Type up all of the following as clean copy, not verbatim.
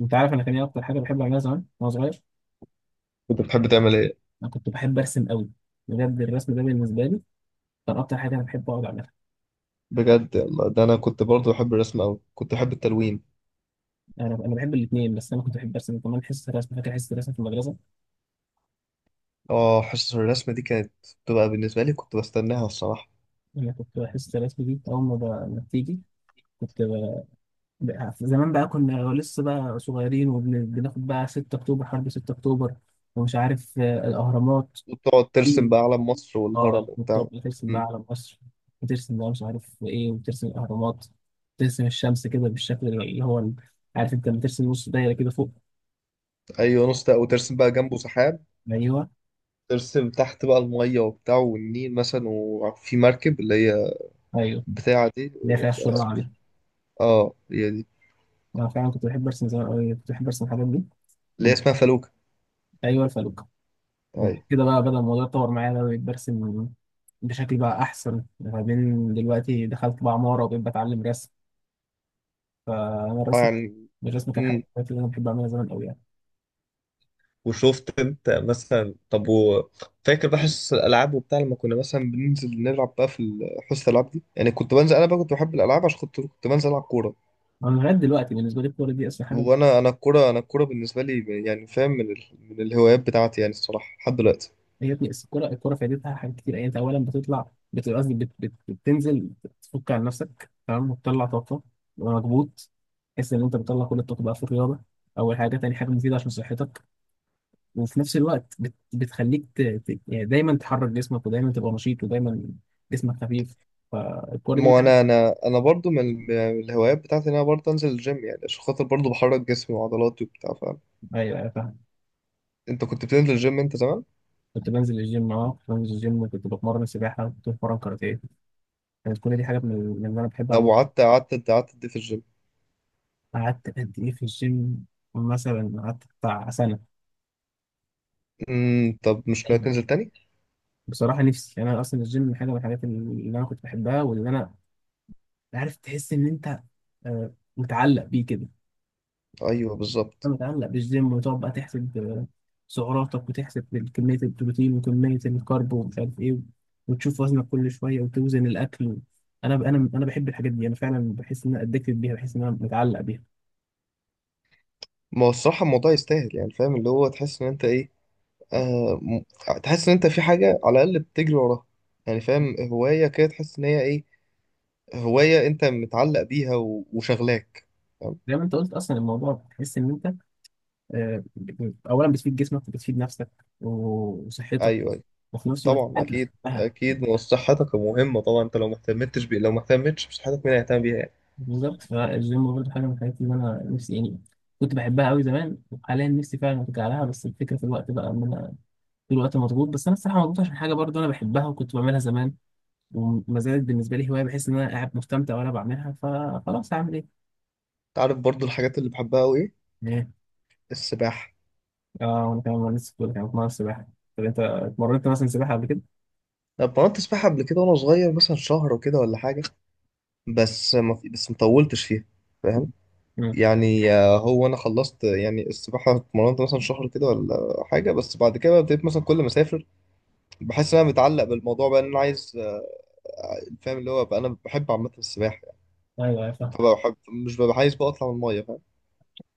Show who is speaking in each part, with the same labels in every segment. Speaker 1: انت عارف انا كان ايه اكتر حاجه بحب اعملها زمان وانا صغير.
Speaker 2: كنت بتحب تعمل ايه؟
Speaker 1: انا كنت بحب ارسم قوي. بجد الرسم ده بالنسبه لي كان اكتر حاجه انا بحب اقعد اعملها.
Speaker 2: بجد؟ يلا ده انا كنت برضه بحب الرسم اوي، كنت بحب التلوين.
Speaker 1: انا بحب الاثنين، بس انا كنت بحب ارسم كمان. حصه الرسم، فاكر حصه الرسم في المدرسه؟
Speaker 2: اه حصص الرسم دي كانت بتبقى بالنسبه لي كنت بستناها الصراحه.
Speaker 1: انا كنت حصه الرسم دي اول ما ما بتيجي كنت زمان بقى كنا لسه بقى صغيرين، وبناخد بقى 6 اكتوبر، حرب 6 اكتوبر، ومش عارف الاهرامات.
Speaker 2: وتقعد ترسم بقى علم مصر والهرم
Speaker 1: اه، بتبقى
Speaker 2: وبتاع.
Speaker 1: بترسم بقى
Speaker 2: أمم،
Speaker 1: على مصر، بترسم بقى مش عارف ايه، وبترسم الاهرامات. بترسم الشمس كده بالشكل اللي هو عارف، انت بترسم نص دايره كده فوق.
Speaker 2: ايوه نص ده، وترسم بقى جنبه سحاب.
Speaker 1: ايوه.
Speaker 2: ترسم تحت بقى الميه وبتاع والنيل مثلا، وفي مركب اللي هي
Speaker 1: ايوه،
Speaker 2: بتاعه دي
Speaker 1: اللي هي فيها الشرع دي.
Speaker 2: اه هي دي،
Speaker 1: انا فعلا كنت بحب ارسم زمان أوي، كنت بحب ارسم الحاجات دي.
Speaker 2: اللي هي
Speaker 1: وب-
Speaker 2: اسمها فلوكه.
Speaker 1: ايوه الفلوكه. وبعد
Speaker 2: ايوه.
Speaker 1: كده بقى بدأ الموضوع يتطور معايا بقى، بقيت برسم بشكل بقى احسن، ما بين دلوقتي دخلت بقى عماره وبقيت بتعلم رسم. فانا
Speaker 2: آه،
Speaker 1: الرسم الرسم كان حاجه من
Speaker 2: يعني
Speaker 1: الحاجات اللي انا بحب اعملها زمان قوي يعني.
Speaker 2: وشفت انت مثلا؟ فاكر بقى حصص الالعاب وبتاع؟ لما كنا مثلا بننزل نلعب بقى في حصص الالعاب دي، يعني كنت بنزل انا بقى كنت بحب الالعاب عشان كنت بنزل العب كوره.
Speaker 1: انا لغايه دلوقتي بالنسبه لي الكوره دي اصلا حاجه
Speaker 2: وانا الكوره، انا الكوره بالنسبه لي يعني فاهم، من الهوايات بتاعتي يعني، الصراحه لحد دلوقتي.
Speaker 1: هي ابني. بس الكرة فايدتها حاجات كتير يعني. انت اولا بتطلع بتنزل تفك عن نفسك تمام وتطلع طاقة ومكبوت، تحس ان انت بتطلع كل الطاقة بقى في الرياضة. اول حاجة. تاني حاجة، مفيدة عشان صحتك. وفي نفس الوقت بتخليك يعني دايما تحرك جسمك، ودايما تبقى نشيط، ودايما جسمك خفيف. فالكرة دي
Speaker 2: ما
Speaker 1: بتحب.
Speaker 2: انا برضو من الهوايات بتاعتي ان انا برضو انزل الجيم، يعني عشان خاطر برضو بحرك جسمي وعضلاتي وبتاع، فاهم؟
Speaker 1: ايوه ايوه فاهم.
Speaker 2: انت كنت بتنزل الجيم انت زمان؟
Speaker 1: كنت بنزل الجيم، اه كنت بنزل الجيم، وكنت بتمرن سباحة وكنت بتمرن كاراتيه. كانت كل دي حاجة من اللي انا بحب
Speaker 2: طب
Speaker 1: اعملها.
Speaker 2: وقعدت قعدت قعدت قد ايه في الجيم؟
Speaker 1: قعدت قد ايه في الجيم؟ مثلا قعدت بتاع سنة.
Speaker 2: امم، طب مش ناوي تنزل
Speaker 1: أيوة.
Speaker 2: تاني؟
Speaker 1: بصراحه نفسي يعني، انا اصلا الجيم من حاجه من الحاجات اللي انا كنت بحبها، واللي انا عارف، تحس ان انت متعلق بيه كده.
Speaker 2: ايوه بالظبط.
Speaker 1: أنا متعلق بالجيم، وتقعد بقى تحسب سعراتك، وتحسب كميه البروتين وكميه الكارب ومش عارف ايه، وتشوف وزنك كل شويه وتوزن الاكل. انا بحب الحاجات دي، انا فعلا بحس ان انا ادكتد بيها، بحس ان انا متعلق بيها.
Speaker 2: ما هو الصراحة الموضوع يستاهل يعني، فاهم؟ اللي هو تحس إن أنت إيه، آه م... تحس إن أنت في حاجة على الأقل بتجري وراها. يعني فاهم، هواية كده تحس إن هي إيه، هواية أنت متعلق بيها وشغلاك، فاهم؟
Speaker 1: زي ما انت قلت، اصلا الموضوع بتحس ان انت آه، اولا بتفيد جسمك، وبتفيد نفسك وصحتك.
Speaker 2: أيوه أيوه.
Speaker 1: وفي نفس الوقت
Speaker 2: طبعا،
Speaker 1: انت
Speaker 2: أكيد
Speaker 1: بتحبها.
Speaker 2: أكيد، ما هو صحتك مهمة طبعا. أنت لو ما اهتمتش بي... لو ما اهتمتش بصحتك مين هيهتم بيها يعني؟
Speaker 1: بالظبط. فالجيم برضه حاجة من الحاجات اللي أنا نفسي يعني كنت بحبها أوي زمان، وحاليا نفسي فعلا أرجع لها، بس الفكرة في الوقت بقى، إن أنا في الوقت مضغوط. بس أنا الصراحة مضغوط عشان حاجة برضه أنا بحبها وكنت بعملها زمان، وما زالت بالنسبة لي هواية، بحس إن أنا قاعد مستمتع وأنا بعملها، فخلاص هعمل إيه؟
Speaker 2: أنت عارف برضو الحاجات اللي بحبها أوي إيه؟
Speaker 1: إيه؟
Speaker 2: السباحة.
Speaker 1: آه، وأنا كمان لسه كنت كمان بتمرن سباحة. طب أنت اتمرنت مثلا سباحة قبل كده؟
Speaker 2: أنا اتمرنت سباحة قبل كده وأنا صغير، مثلا شهر وكده ولا حاجة، بس ما في... بس مطولتش فيها، فاهم؟
Speaker 1: امم.
Speaker 2: يعني هو انا خلصت يعني، السباحه اتمرنت مثلا شهر كده ولا حاجه، بس بعد كده بقى ابتديت مثلا كل ما اسافر بحس ان انا متعلق بالموضوع، بقى ان انا عايز، فاهم؟ اللي هو بقى انا بحب عامه السباحه يعني.
Speaker 1: أيوه أيوه فاهم.
Speaker 2: فبقى بحب، مش ببقى عايز بقى اطلع من الميه، فاهم؟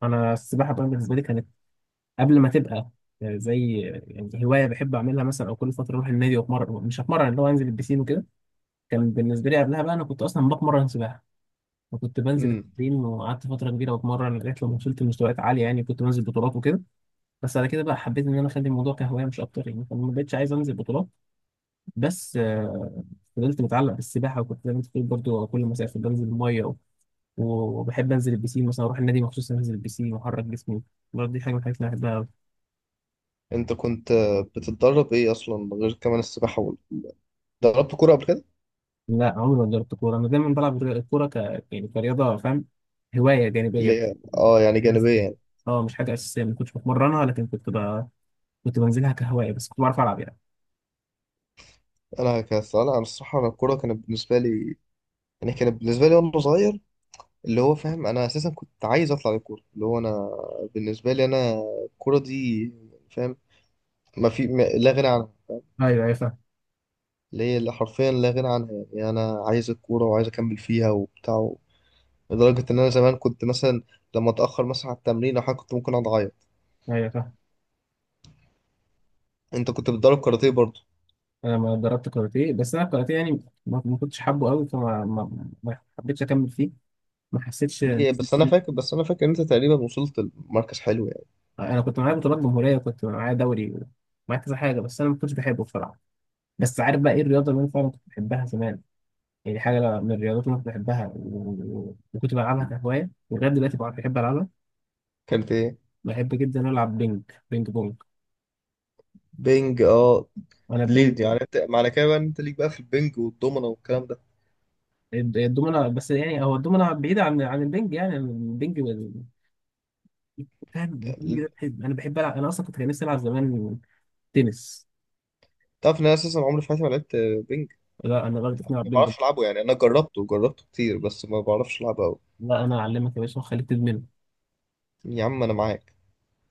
Speaker 1: أنا السباحة بقى بالنسبة لي كانت قبل ما تبقى زي يعني هواية بحب أعملها، مثلا أو كل فترة أروح النادي وأتمرن، مش هتمرن اللي هو أنزل البسين وكده. كان بالنسبه لي قبلها بقى انا كنت اصلا بتمرن سباحه، وكنت بنزل
Speaker 2: امم.
Speaker 1: التمرين وقعدت فتره كبيره بتمرن، لغايه لما وصلت لمستويات عاليه يعني، كنت بنزل بطولات وكده. بس على كده بقى حبيت ان انا اخلي الموضوع كهوايه مش اكتر يعني، فما بقتش عايز انزل بطولات. بس فضلت متعلق بالسباحه، وكنت زي ما انت بتقول برضه، كل ما اسافر بنزل الميه وبحب انزل البسين، مثلا اروح النادي مخصوص انزل البسين واحرك جسمي. برضه دي حاجه من الحاجات اللي أنا بحبها أوي.
Speaker 2: انت كنت بتتدرب ايه اصلا غير كمان السباحه دربت كوره قبل كده؟
Speaker 1: لا، عمري ما جربت كورة. أنا دايما بلعب الكورة يعني كرياضة، فاهم، هواية جانبية
Speaker 2: اللي هي اه يعني
Speaker 1: بس.
Speaker 2: جانبيه يعني.
Speaker 1: اه مش حاجة أساسية، ما كنتش بتمرنها، لكن كنت كنت بنزلها كهواية بس، كنت بعرف ألعب يعني.
Speaker 2: انا كسؤال، انا الصراحه انا الكوره كانت بالنسبه لي، يعني كانت بالنسبه لي وانا صغير اللي هو فاهم، انا اساسا كنت عايز اطلع للكوره، اللي هو انا بالنسبه لي انا الكوره دي، فاهم؟ ما في ما لا غنى عنها،
Speaker 1: ايوه ايوه فاهم.
Speaker 2: اللي هي اللي حرفيا لا غنى عنها يعني. يعني انا عايز الكوره وعايز اكمل فيها وبتاع، لدرجه ان انا زمان كنت مثلا لما اتاخر مثلا على التمرين او حاجه كنت ممكن اقعد اعيط.
Speaker 1: ايوه فاهم.
Speaker 2: انت كنت بتدرب كاراتيه برضه؟
Speaker 1: أنا ما دربت كاراتيه، بس أنا الكاراتيه يعني ما كنتش حابه قوي، فما ما... ما حبيتش أكمل فيه. ما حسيتش.
Speaker 2: ليه بس؟ انا فاكر، بس انا فاكر ان انت تقريبا وصلت لمركز حلو يعني.
Speaker 1: أنا كنت معايا بطولات جمهورية، وكنت معايا دوري، ومعايا كذا حاجة، بس أنا ما كنتش بحبه بصراحة. بس عارف بقى إيه الرياضة اللي أنا فعلا كنت بحبها زمان؟ يعني حاجة من الرياضات اللي كنت بحبها، وكنت بلعبها كهواية، ولغاية دلوقتي بقى بحب ألعبها.
Speaker 2: كانت ايه؟
Speaker 1: بحب جدا ألعب بينج، بينج بونج.
Speaker 2: بينج، اه.
Speaker 1: أنا
Speaker 2: ليه
Speaker 1: البينج،
Speaker 2: دي يعني؟ انت معنى كده بقى ان انت ليك بقى في البينج والدومنه والكلام ده؟
Speaker 1: الدومنة بس، يعني هو الدومنة بعيدة عن البينج يعني. البينج فاهم؟ البينج ده أنا بحب ألعب. أنا أصلا كنت نفسي ألعب زمان تنس.
Speaker 2: تعرف ان انا اساسا عمري في حياتي ما لعبت بينج؟
Speaker 1: لا أنا برضه ألعب
Speaker 2: ما
Speaker 1: بينج.
Speaker 2: بعرفش العبه يعني، انا جربته كتير بس ما بعرفش العبه قوي.
Speaker 1: لا، أنا أعلمك يا باشا وأخليك تدمنه.
Speaker 2: يا عم انا معاك.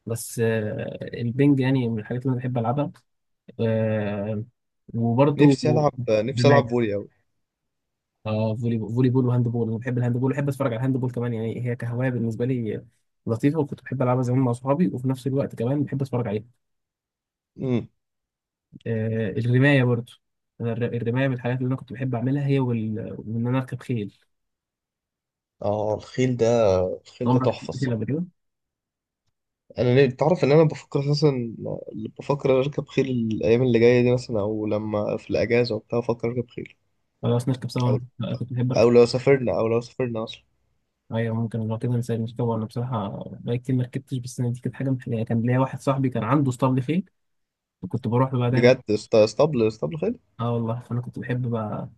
Speaker 1: بس البينج يعني من الحاجات اللي أنا بحب ألعبها. آه، وبرضه
Speaker 2: نفسي العب، نفسي
Speaker 1: دماغ.
Speaker 2: العب فولي قوي.
Speaker 1: اه، فولي بول، فولي بول وهاند بول. انا بحب الهاند بول، وبحب اتفرج على الهاند بول كمان، يعني هي كهوايه بالنسبه لي لطيفه، وكنت بحب العبها زمان مع اصحابي، وفي نفس الوقت كمان بحب اتفرج عليها.
Speaker 2: امم.
Speaker 1: آه، الرمايه برضو. أنا الرمايه من الحاجات اللي انا كنت بحب اعملها، هي وان انا اركب خيل.
Speaker 2: اه الخيل ده، الخيل ده
Speaker 1: عمرك
Speaker 2: تحفه
Speaker 1: ركبت خيل
Speaker 2: الصراحه.
Speaker 1: قبل كده؟
Speaker 2: انا ليه؟ تعرف ان انا بفكر اساسا، بفكر اركب خيل الايام اللي جايه دي مثلا، او لما في الاجازه وبتاع بفكر اركب خيل.
Speaker 1: خلاص نركب سوا، انا
Speaker 2: او،
Speaker 1: أنا كنت بحب
Speaker 2: او
Speaker 1: اركب.
Speaker 2: لو سافرنا او لو سافرنا اصلا.
Speaker 1: ايوه ممكن لو كده نسال نركب. انا بصراحه بقالي كتير ما ركبتش، بس أنا دي كانت حاجه من الحاجات. كان ليا واحد صاحبي كان عنده اسطبل خيل، وكنت بروح له بقى دايما.
Speaker 2: بجد؟ اسطبل خيل؟
Speaker 1: اه والله، فانا كنت بحب بقى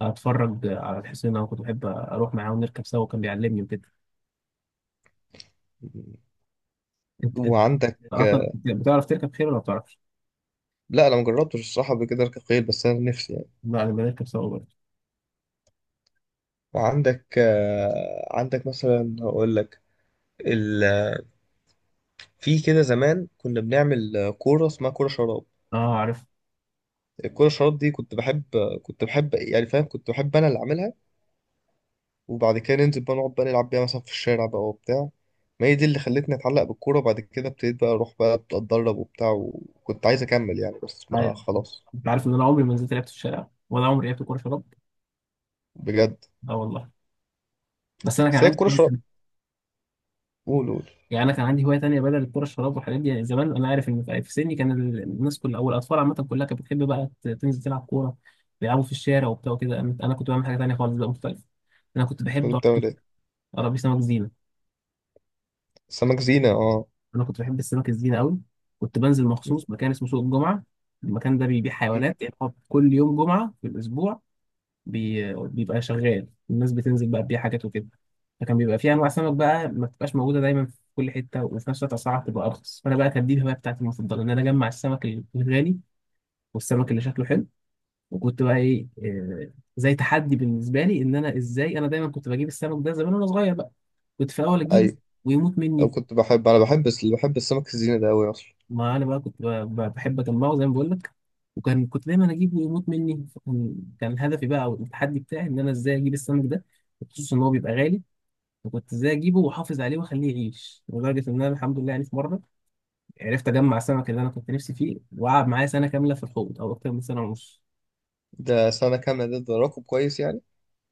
Speaker 1: اتفرج على الحسين، انا كنت بحب اروح معاه ونركب سوا وكان بيعلمني وكده. انت
Speaker 2: وعندك؟
Speaker 1: اصلا بتعرف تركب خيل ولا ما بتعرفش؟
Speaker 2: لا انا مجربتش الصراحه قبل كده اركب خيل، بس انا نفسي يعني.
Speaker 1: لا انا بنركب سوا برضه.
Speaker 2: وعندك، عندك مثلا، هقول لك: في كده زمان كنا بنعمل كورة اسمها كورة شراب.
Speaker 1: اه عارف،
Speaker 2: الكورة شراب دي كنت بحب، كنت بحب يعني فاهم، كنت بحب أنا اللي أعملها، وبعد كده ننزل بقى نقعد بقى نلعب بيها مثلا في الشارع بقى وبتاع. ما هي دي اللي خلتني أتعلق بالكورة، وبعد كده ابتديت بقى أروح بقى أتدرب وبتاع وكنت عايز أكمل يعني بس ما،
Speaker 1: عارف.
Speaker 2: خلاص.
Speaker 1: انت عارف ان انا عمري ما نزلت لعبت في الشارع، ولا عمري لعبت كوره شراب؟
Speaker 2: بجد؟
Speaker 1: اه والله. بس انا كان
Speaker 2: بس هي
Speaker 1: عندي،
Speaker 2: الكورة شراب. قول قول.
Speaker 1: يعني انا كان عندي هوايه تانيه بدل الكوره الشراب والحاجات دي يعني. زمان انا عارف ان في سني كان الناس كلها، او الاطفال عامه كلها، كانت بتحب بقى تنزل تلعب كوره، بيلعبوا في الشارع وبتاع وكده. أنا كنت بعمل حاجه تانيه خالص بقى مختلفه. انا كنت
Speaker 2: كنت
Speaker 1: بحب
Speaker 2: بتعمل إيه؟
Speaker 1: اربي سمك زينه.
Speaker 2: سمك زينة، أه.
Speaker 1: انا كنت بحب السمك الزينه قوي. كنت بنزل
Speaker 2: م-
Speaker 1: مخصوص مكان اسمه سوق الجمعه. المكان ده بيبيع
Speaker 2: م.
Speaker 1: حيوانات، يعني هو كل يوم جمعه في الاسبوع بيبقى شغال، الناس بتنزل بقى تبيع حاجات وكده. فكان بيبقى فيه انواع سمك بقى ما بتبقاش موجوده دايما في كل حته، وفي نفس الوقت اسعارها بتبقى ارخص. فانا بقى كانت دي الهوايه بتاعتي المفضله، ان انا اجمع السمك الغالي، والسمك اللي شكله حلو. وكنت بقى ايه، زي تحدي بالنسبه لي، ان انا ازاي، انا دايما كنت بجيب السمك ده زمان وانا صغير بقى، كنت في الاول اجيبه
Speaker 2: أيوه.
Speaker 1: ويموت
Speaker 2: أو
Speaker 1: مني.
Speaker 2: كنت بحب، أنا بحب، بس بحب السمك الزينة ده أوي أصلا.
Speaker 1: ما انا بقى كنت بقى بحب اجمعه زي ما بقول لك. وكان كنت دايما اجيبه ويموت مني، فكان هدفي بقى او التحدي بتاعي، ان انا ازاي اجيب السمك ده، خصوصا ان هو بيبقى غالي، فكنت ازاي اجيبه واحافظ عليه واخليه يعيش. لدرجه ان انا الحمد لله، يعني في مره عرفت اجمع السمك اللي انا كنت نفسي فيه، وقعد معايا سنه كامله في الحوض، او اكتر من سنه ونص.
Speaker 2: ده سنة كاملة، ده ده رقم كويس يعني.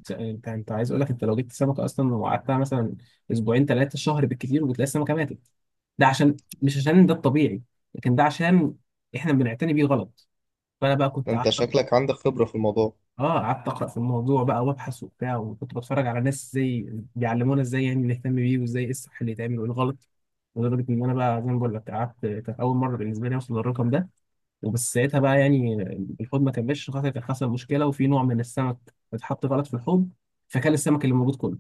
Speaker 1: انت عايز اقول لك، انت لو جبت سمكه اصلا وقعدتها مثلا اسبوعين ثلاثه شهر بالكثير، وبتلاقي السمكه ماتت، ده عشان، مش عشان ده الطبيعي، لكن ده عشان احنا بنعتني بيه غلط. فانا بقى
Speaker 2: ده
Speaker 1: كنت،
Speaker 2: انت شكلك عندك خبرة في الموضوع.
Speaker 1: اه، قعدت اقرا في الموضوع بقى وابحث وبتاع، وكنت بتفرج على ناس ازاي بيعلمونا، ازاي يعني نهتم بيه، وازاي ايه الصح اللي يتعمل وايه الغلط. لدرجه ان انا بقى، زي ما بقول لك، قعدت كانت اول مره بالنسبه لي اوصل للرقم ده. وبس ساعتها بقى يعني الحوض ما كملش، خاطر كان حصل مشكله، وفي نوع من السمك اتحط غلط في الحوض، فكان السمك اللي موجود كله.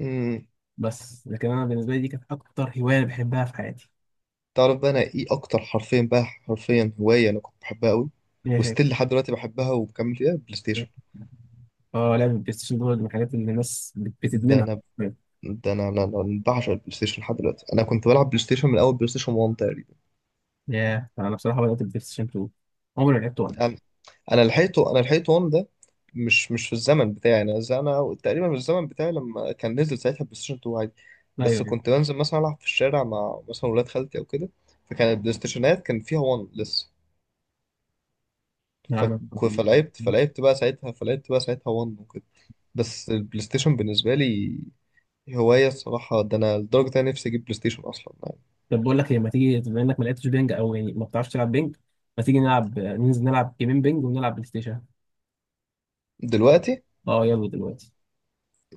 Speaker 2: امم.
Speaker 1: بس لكن انا بالنسبه لي دي كانت اكتر هوايه أنا بحبها في حياتي.
Speaker 2: تعرف بقى انا ايه اكتر حرفين بقى، حرفيا هواية انا كنت بحبها قوي
Speaker 1: إيه؟
Speaker 2: وستيل لحد دلوقتي بحبها وبكمل فيها؟ بلاي
Speaker 1: هي؟
Speaker 2: ستيشن.
Speaker 1: اه، لعب البلاي ستيشن دول من الحاجات اللي الناس
Speaker 2: ده
Speaker 1: بتدمنها.
Speaker 2: انا ده انا انا أنا بعشق البلاي ستيشن لحد دلوقتي. انا كنت بلعب بلاي ستيشن من اول بلاي ستيشن 1 تقريبا.
Speaker 1: ياه، انا بصراحه بدات البلاي ستيشن 2، عمري ما لعبت ولا.
Speaker 2: انا انا لحقته، انا لحقته 1 ده، مش في الزمن بتاعي يعني. انا انا تقريبا في الزمن بتاعي لما كان نزل ساعتها بلاي ستيشن 2 عادي، بس
Speaker 1: ايوه
Speaker 2: كنت بنزل مثلا العب في الشارع مع مثلا ولاد خالتي او كده، فكان البلاي ستيشنات كان فيها 1 لسه.
Speaker 1: أنا.
Speaker 2: فلعبت بقى ساعتها 1 وكده. بس البلاي ستيشن بالنسبة لي هواية الصراحة، ده أنا لدرجة أنا نفسي أجيب بلاي ستيشن أصلا يعني.
Speaker 1: طب بقول لك إيه، ما تيجي، بما إنك ما لعبتش بينج، أو يعني ما بتعرفش تلعب بينج، ما تيجي نلعب، ننزل نلعب جيمين بينج ونلعب بلاي ستيشن؟
Speaker 2: دلوقتي؟
Speaker 1: أه يلا دلوقتي.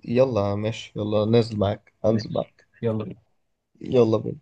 Speaker 2: يلا ماشي، يلا نازل معاك، أنزل
Speaker 1: ماشي
Speaker 2: معاك
Speaker 1: يلا بينا.
Speaker 2: يلا بينا.